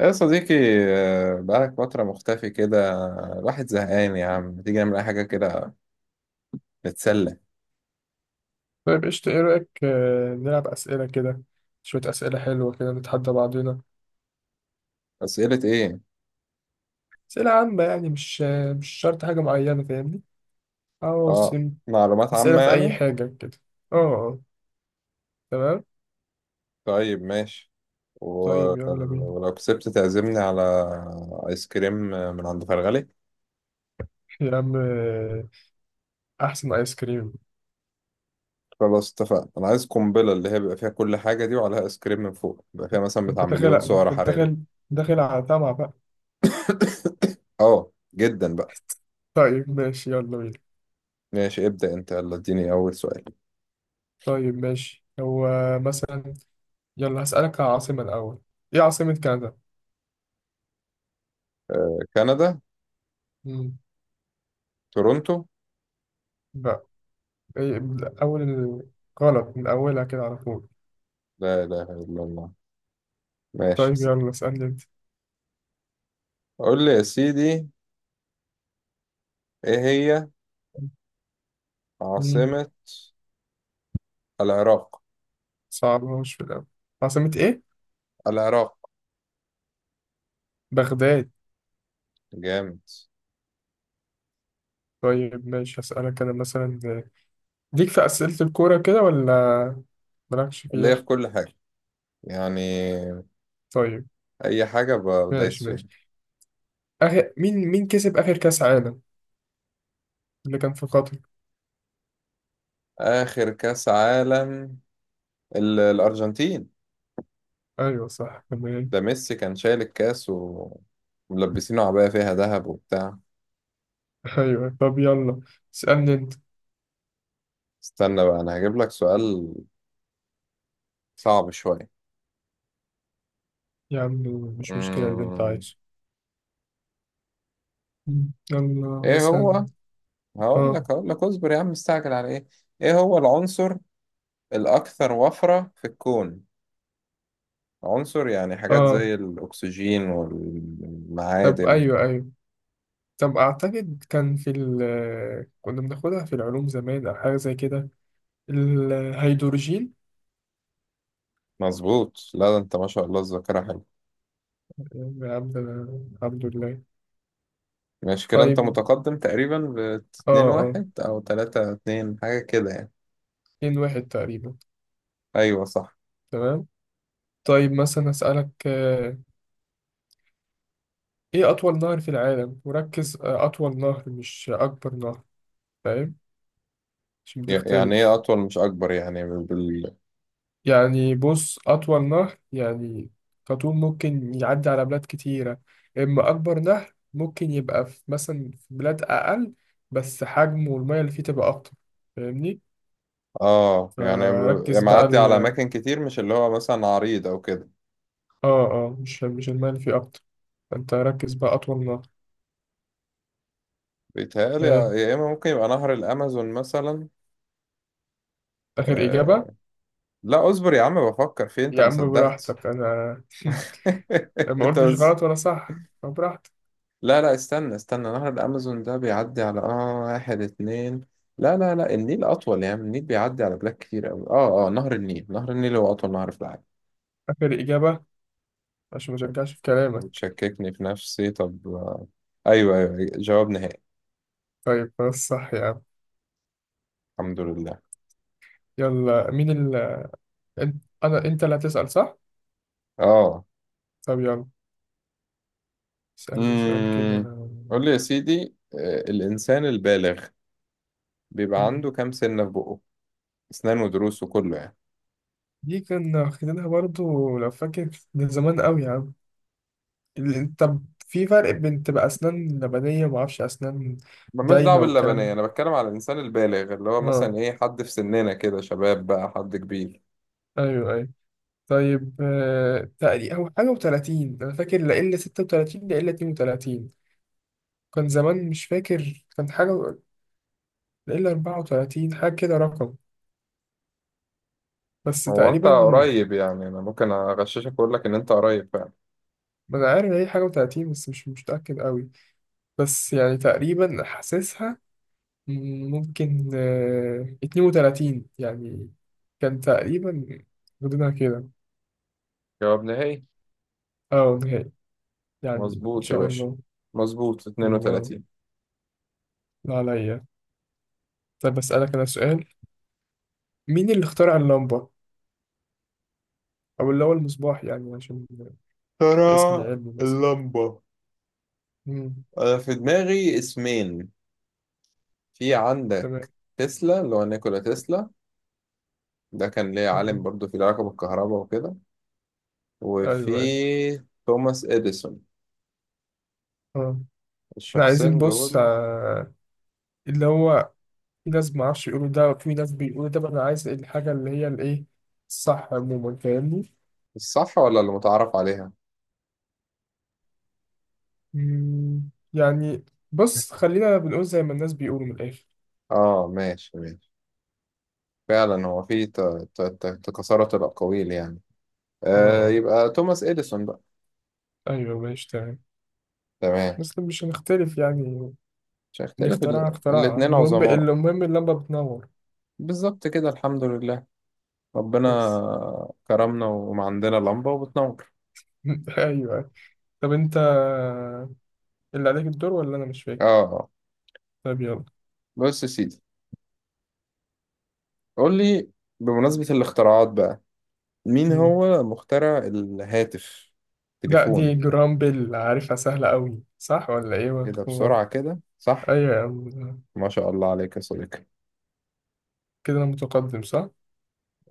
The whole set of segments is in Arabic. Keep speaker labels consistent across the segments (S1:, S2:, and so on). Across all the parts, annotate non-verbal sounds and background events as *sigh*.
S1: يا صديقي. بقالك فترة مختفي كده. الواحد زهقان يا عم، ما تيجي نعمل أي حاجة كده، نتسلى؟
S2: طيب قشطة، إيه رأيك نلعب أسئلة كده. شوية أسئلة حلوة كده نتحدى بعضنا.
S1: أسئلة إيه؟
S2: أسئلة عامة يعني، مش شرط حاجة معينة، فاهمني؟
S1: آه.
S2: عواصم.
S1: معلومات عامة
S2: أسئلة في أي
S1: يعني؟
S2: حاجة كده. أه آه، تمام.
S1: طيب، ماشي. و...
S2: طيب
S1: آه،
S2: يلا بينا.
S1: ولو كسبت تعزمني على آيس كريم من عند فرغلي.
S2: يا عم، أحسن آيس كريم.
S1: خلاص، اتفقنا. أنا عايز قنبلة، اللي هي بيبقى فيها كل حاجة دي وعليها آيس كريم من فوق، بيبقى فيها مثلا
S2: أنت
S1: بتاع
S2: داخل،
S1: مليون سعر
S2: أنت
S1: حراري.
S2: داخل، داخل على طمع بقى.
S1: آه، جدا بقى.
S2: طيب ماشي، يلا بينا.
S1: ماشي، ابدأ أنت، يلا اديني أول سؤال.
S2: طيب ماشي، هو مثلا. يلا هسألك على عاصمة الأول. إيه عاصمة كندا؟
S1: آه، كندا.
S2: مم.
S1: تورونتو.
S2: بقى. إيه، من أول ال- غلط من أولها كده على طول.
S1: لا إله إلا الله. ماشي.
S2: طيب يلا اسألني أنت.
S1: قول لي يا سيدي، ايه هي
S2: مم.
S1: عاصمة العراق؟
S2: صعبهاش في الأول. عاصمة إيه؟
S1: العراق.
S2: بغداد.
S1: جامد.
S2: طيب ماشي، هسألك أنا مثلا. ليك في أسئلة الكورة كده ولا مالكش
S1: اللي هي
S2: فيها؟
S1: في كل حاجة يعني،
S2: طيب،
S1: اي حاجة بدايس
S2: ماشي
S1: فيها.
S2: ماشي. آخر، مين كسب آخر كأس عالم اللي كان في قطر؟
S1: اخر كاس عالم، الارجنتين.
S2: أيوه، صح، تمام.
S1: ده ميسي كان شايل الكاس وملبسينه عباية فيها ذهب وبتاع.
S2: *laughs* أيوه، طب يلا اسألني أنت.
S1: استنى بقى، انا هجيب لك سؤال صعب شوية.
S2: يا عم، مش مشكلة اللي أنت
S1: أمم،
S2: عايزه. مم. يلا
S1: ايه
S2: مثلا.
S1: هو؟ هقول
S2: آه
S1: لك هقول لك اصبر يا عم، مستعجل على ايه؟ ايه هو العنصر الاكثر وفرة في الكون؟ عنصر، يعني حاجات
S2: آه.
S1: زي الأكسجين
S2: طب
S1: والمعادن.
S2: أيوه، أيوه. طب أعتقد كان في ال كنا بناخدها في العلوم زمان أو حاجة زي كده. الهيدروجين.
S1: مظبوط. لا ده أنت ما شاء الله، الذاكرة حلوة.
S2: يا عبد، الحمد لله.
S1: ماشي كده، أنت
S2: طيب.
S1: متقدم تقريبا ب
S2: اه،
S1: 2
S2: اه،
S1: 1 أو 3-2 حاجة كده يعني.
S2: 2-1 تقريبا.
S1: أيوه صح.
S2: تمام. طيب مثلا أسألك، إيه أطول نهر في العالم، وركز، أطول نهر مش أكبر نهر. فاهم؟ عشان
S1: يعني إيه
S2: بتختلف.
S1: أطول مش أكبر، يعني بال...
S2: يعني بص، أطول نهر يعني كطول، ممكن يعدي على بلاد كتيرة. إما أكبر نهر ممكن يبقى في مثلا، في بلاد أقل، بس حجمه والمية اللي فيه تبقى أكتر. فاهمني؟
S1: يعني
S2: فركز بقى
S1: معدي على أماكن كتير، مش اللي هو مثلا عريض أو كده.
S2: مش المية اللي فيه أكتر. فأنت ركز بقى، أطول نهر.
S1: بيتهيألي،
S2: آه.
S1: يا إما ممكن يبقى نهر الأمازون مثلا.
S2: آخر إجابة؟
S1: آه... لا، اصبر يا عم بفكر فيه، أنت
S2: يا
S1: ما
S2: عم
S1: صدقت.
S2: براحتك، أنا *laughs*
S1: *laughs*
S2: ما
S1: أنت...
S2: قلتش غلط ولا صح، فبراحتك.
S1: لا لا، استنى استنى، نهر الأمازون ده بيعدي على واحد اتنين. لا لا لا، النيل أطول. يعني النيل بيعدي على بلاد كتير أوي. نهر النيل، نهر النيل هو أطول نهر في العالم.
S2: آخر إجابة، عشان ما
S1: شوف،
S2: ترجعش في كلامك.
S1: بتشككني في نفسي. طب، أيوه أيوه جواب نهائي.
S2: طيب خلاص، صح يا عم.
S1: الحمد لله.
S2: يلا، مين؟ أنت- انا انت اللي هتسأل صح؟
S1: آه.
S2: طب يلا اسألني سؤال
S1: امم
S2: كده.
S1: قول لي يا سيدي، الإنسان البالغ بيبقى
S2: مم.
S1: عنده كام سنة في بقه؟ أسنان ودروس وكله يعني.
S2: دي كنا واخدينها برضو لو فاكر، من زمان قوي يا عم. طب في فرق بين تبقى اسنان لبنية ومعرفش اسنان
S1: ملناش دعوة
S2: دايمة والكلام
S1: باللبنية،
S2: ده؟
S1: أنا بتكلم على الإنسان البالغ، اللي هو مثلا
S2: اه،
S1: إيه، حد في سننا كده شباب بقى، حد كبير.
S2: ايوه، ايوه. طيب، تقريبا هو حاجة وتلاتين، انا فاكر، لا الا 36، لا الا 32. كان زمان مش فاكر، كان حاجة، لا الا 34 حاجة كده رقم، بس
S1: هو انت
S2: تقريبا.
S1: قريب، يعني انا ممكن اغششك واقول لك ان انت قريب فعلا.
S2: ما انا عارف إن هي حاجة وتلاتين، بس مش متأكد قوي، بس يعني تقريبا حاسسها. ممكن 32 يعني، كان تقريبا غدنا كده.
S1: جواب نهائي.
S2: اه، نهائي، يعني ان
S1: مظبوط يا
S2: شاء
S1: باشا.
S2: الله.
S1: مظبوط
S2: الله.
S1: 32.
S2: لا عليا. طب اسألك انا سؤال. مين اللي اخترع اللمبة، او اللي هو المصباح يعني، عشان الاسم
S1: ترى.
S2: العلمي مثلا.
S1: اللمبة.
S2: مم.
S1: أنا في دماغي اسمين. في عندك؟
S2: تمام.
S1: تسلا، اللي هو نيكولا تسلا. ده كان ليه عالم
S2: مم.
S1: برضو، في العلاقة بالكهرباء وكده. وفي
S2: ايوه، ايوه.
S1: توماس إديسون.
S2: اه، احنا عايزين،
S1: الشخصين
S2: بص،
S1: دول.
S2: اللي هو في ناس معرفش يقولوا ده وفي ناس بيقولوا ده، بقى انا عايز الحاجة اللي هي الايه، الصح عموما، فاهمني؟
S1: الصح ولا اللي متعارف عليها؟
S2: يعني، بص، خلينا بنقول زي ما الناس بيقولوا من الآخر.
S1: آه، ماشي ماشي. فعلا هو في تكاثرت الأقاويل يعني.
S2: اه،
S1: يبقى توماس إديسون.
S2: ايوه، ماشي، تمام.
S1: تمام.
S2: بس مش هنختلف يعني.
S1: مش
S2: اللي
S1: هيختلف
S2: اخترعها
S1: ال...
S2: اخترعها،
S1: الاتنين
S2: المهم
S1: عظماء.
S2: المهم اللمبة بتنور.
S1: بالظبط كده. الحمد لله. ربنا
S2: بس.
S1: كرمنا، ومعندنا لمبة وبتنور.
S2: *laughs* ايوه. طب انت اللي عليك الدور ولا انا، مش فاكر.
S1: اه.
S2: طب يلا.
S1: بص يا سيدي، قول لي، بمناسبة الاختراعات بقى، مين
S2: مم.
S1: هو مخترع الهاتف،
S2: لا، دي
S1: تليفون؟
S2: جرامبل عارفها سهلة قوي، صح ولا ايه؟
S1: كده
S2: ولا-
S1: بسرعة كده، صح؟
S2: ايوه يا عم.
S1: ما شاء الله عليك يا صديقي.
S2: كده انا متقدم، صح؟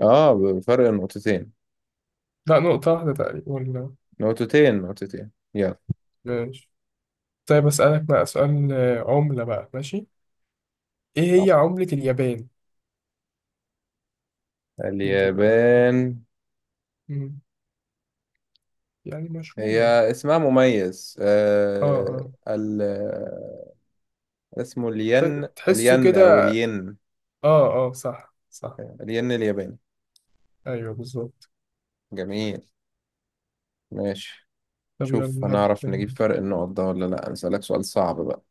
S1: اه، بفرق نقطتين.
S2: لا، نقطة واحدة تقريبا، ولا؟
S1: نقطتين نقطتين، يلا.
S2: ماشي. طيب اسألك بقى سؤال، عملة بقى، ماشي. ايه
S1: آه.
S2: هي عملة اليابان؟ هي تبقى،
S1: اليابان.
S2: مم. يعني
S1: هي...
S2: مشهورة.
S1: اسمها مميز،
S2: اه،
S1: آه
S2: اه،
S1: ال اسمه الين،
S2: تحسه
S1: الين
S2: كده.
S1: او الين.
S2: اه، اه، صح، صح.
S1: الين الياباني.
S2: ايوه بالظبط.
S1: جميل. ماشي.
S2: طب
S1: شوف،
S2: يلا هات.
S1: هنعرف نجيب فرق النقط ده ولا لا؟ هسألك سؤال صعب بقى.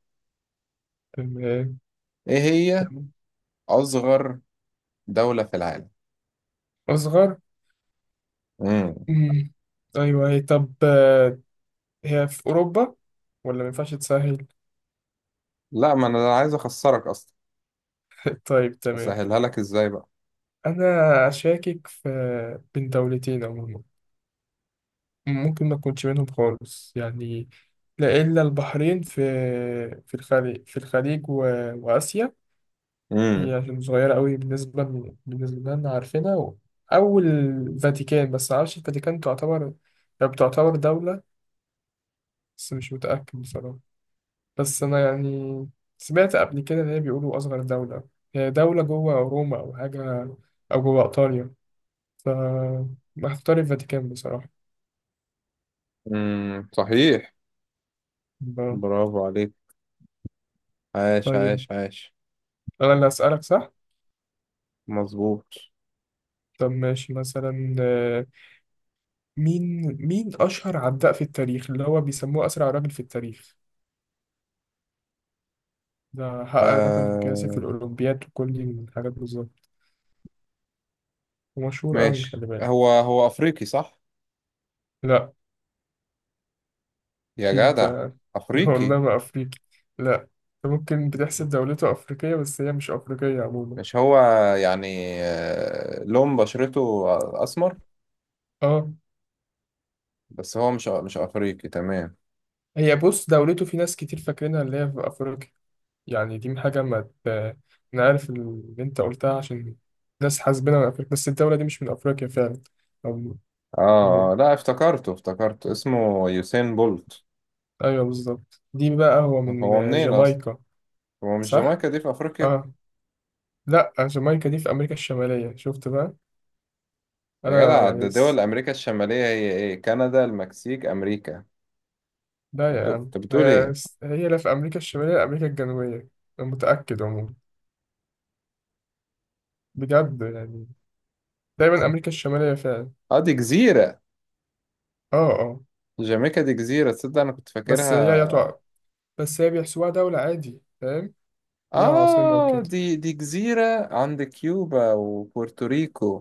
S2: تمام.
S1: ايه هي
S2: تمام.
S1: اصغر دولة في العالم؟
S2: اصغر.
S1: مم.
S2: مم. ايوه هي، طب، هي في اوروبا ولا ما ينفعش تسهل؟
S1: لا، ما انا عايز اخسرك اصلا.
S2: *laughs* طيب تمام.
S1: اسهلها لك ازاي بقى.
S2: انا اشاكك في، بين دولتين عموما، ممكن ما تكونش منهم خالص يعني. لا الا البحرين، في الخليج، في الخليج، و... واسيا. هي
S1: امم
S2: عشان صغيرة قوي، بالنسبة لنا عارفينها. أو الفاتيكان، بس معرفش الفاتيكان تعتبر، هي بتعتبر دولة، بس مش متأكد بصراحة. بس أنا يعني سمعت قبل كده إن هي بيقولوا أصغر دولة، هي دولة جوه روما أو حاجة، أو جوه إيطاليا. ف هختار الفاتيكان بصراحة.
S1: صحيح.
S2: ب-
S1: برافو عليك. عاش
S2: طيب،
S1: عاش عاش.
S2: أنا اللي هسألك صح؟
S1: مظبوط.
S2: طب ماشي مثلا، مين مين أشهر عداء في التاريخ اللي هو بيسموه أسرع راجل في التاريخ. ده حقق رقم قياسي في
S1: آه،
S2: الأولمبياد وكل دي من الحاجات، بالظبط. ومشهور أوي،
S1: ماشي.
S2: خلي بالك.
S1: هو افريقي صح؟
S2: لا
S1: يا
S2: دي
S1: جدع،
S2: أنت *laughs*
S1: افريقي.
S2: والله ما أفريقي. لا. أنت ممكن بتحسب دولته أفريقية، بس هي مش أفريقية عموما.
S1: مش هو، يعني لون بشرته اسمر،
S2: أه.
S1: بس هو مش افريقي تمام.
S2: هي، بص، دولته في ناس كتير فاكرينها اللي هي في أفريقيا، يعني دي حاجة ما ت... أنا عارف اللي أنت قلتها، عشان ناس حاسبينها من أفريقيا، بس الدولة دي مش من أفريقيا فعلا. أو... م-
S1: اه، لا، افتكرته اسمه يوسين بولت.
S2: أيوه بالظبط، دي بقى هو
S1: هو
S2: من
S1: منين اصلا؟
S2: جامايكا.
S1: هو مش
S2: صح؟
S1: جامايكا دي في افريقيا؟
S2: اه. لا، جامايكا دي في أمريكا الشمالية، شفت بقى.
S1: يا
S2: أنا
S1: جدع، ده
S2: يعني
S1: دول
S2: س...
S1: امريكا الشماليه، هي ايه، كندا، المكسيك، امريكا.
S2: لا
S1: انت
S2: يا عم،
S1: أنت بتقول ايه؟
S2: هي لا في أمريكا الشمالية ولا أمريكا الجنوبية. أنا متأكد عموما، بجد يعني، دايما أمريكا الشمالية فعلا.
S1: اه، دي جزيره.
S2: اه، اه.
S1: جامايكا دي جزيره، تصدق انا كنت
S2: بس هي
S1: فاكرها.
S2: تقع، بس هي بيحسبوها دولة عادي، فاهم؟ ليها عاصمة
S1: اه،
S2: وكده.
S1: دي جزيره عند كيوبا وبورتوريكو.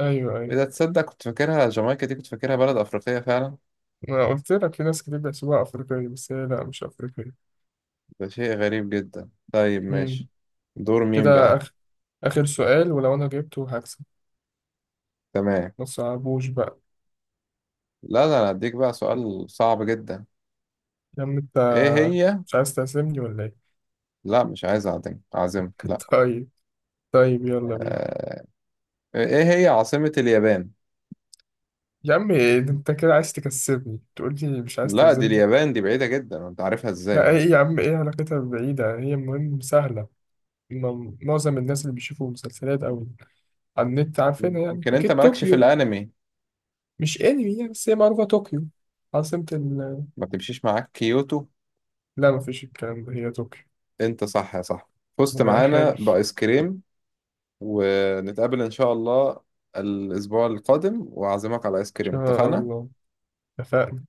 S2: أيوه، أيوه.
S1: إذا تصدق كنت فاكرها، جامايكا دي كنت فاكرها بلد أفريقية فعلا.
S2: ما قلت لك، في ناس كتير بيحسبوها أفريقية، بس هي لا، مش أفريقية.
S1: ده شيء غريب جدا. طيب
S2: مم.
S1: ماشي. دور مين
S2: كده
S1: بقى؟
S2: آخر، آخر سؤال ولو أنا جبته هكسب.
S1: تمام.
S2: ما تصعبوش بقى.
S1: لا، ده أنا هديك بقى سؤال صعب جدا.
S2: يا عم أنت،
S1: إيه هي؟
S2: مش عايز تعزمني ولا إيه؟
S1: لا، مش عايز أعزمك، أعزمك
S2: *laughs*
S1: لا.
S2: طيب. طيب يلا بينا.
S1: آه... إيه هي عاصمة اليابان؟
S2: يا عم إيه ده، انت كده عايز تكسبني، تقول لي مش عايز
S1: لا، دي
S2: تعزمني؟
S1: اليابان دي بعيدة جدا، أنت عارفها إزاي
S2: لا، ايه
S1: يعني.
S2: يا عم، ايه علاقتها بعيدة، هي المهم سهلة. معظم الناس اللي بيشوفوا مسلسلات او على النت عارفينها يعني،
S1: يمكن
S2: اكيد
S1: أنت مالكش في
S2: طوكيو.
S1: الأنمي.
S2: مش انمي يعني، بس هي معروفة، طوكيو عاصمة ال-
S1: ما بتمشيش معاك كيوتو؟
S2: لا، مفيش الكلام ده، هي طوكيو.
S1: أنت صح يا صاحبي.
S2: ما
S1: فزت
S2: انا عارف،
S1: معانا
S2: ان
S1: بآيس كريم. ونتقابل إن شاء الله الأسبوع القادم، وأعزمك على آيس كريم،
S2: شاء
S1: اتفقنا؟
S2: الله، اتفقنا.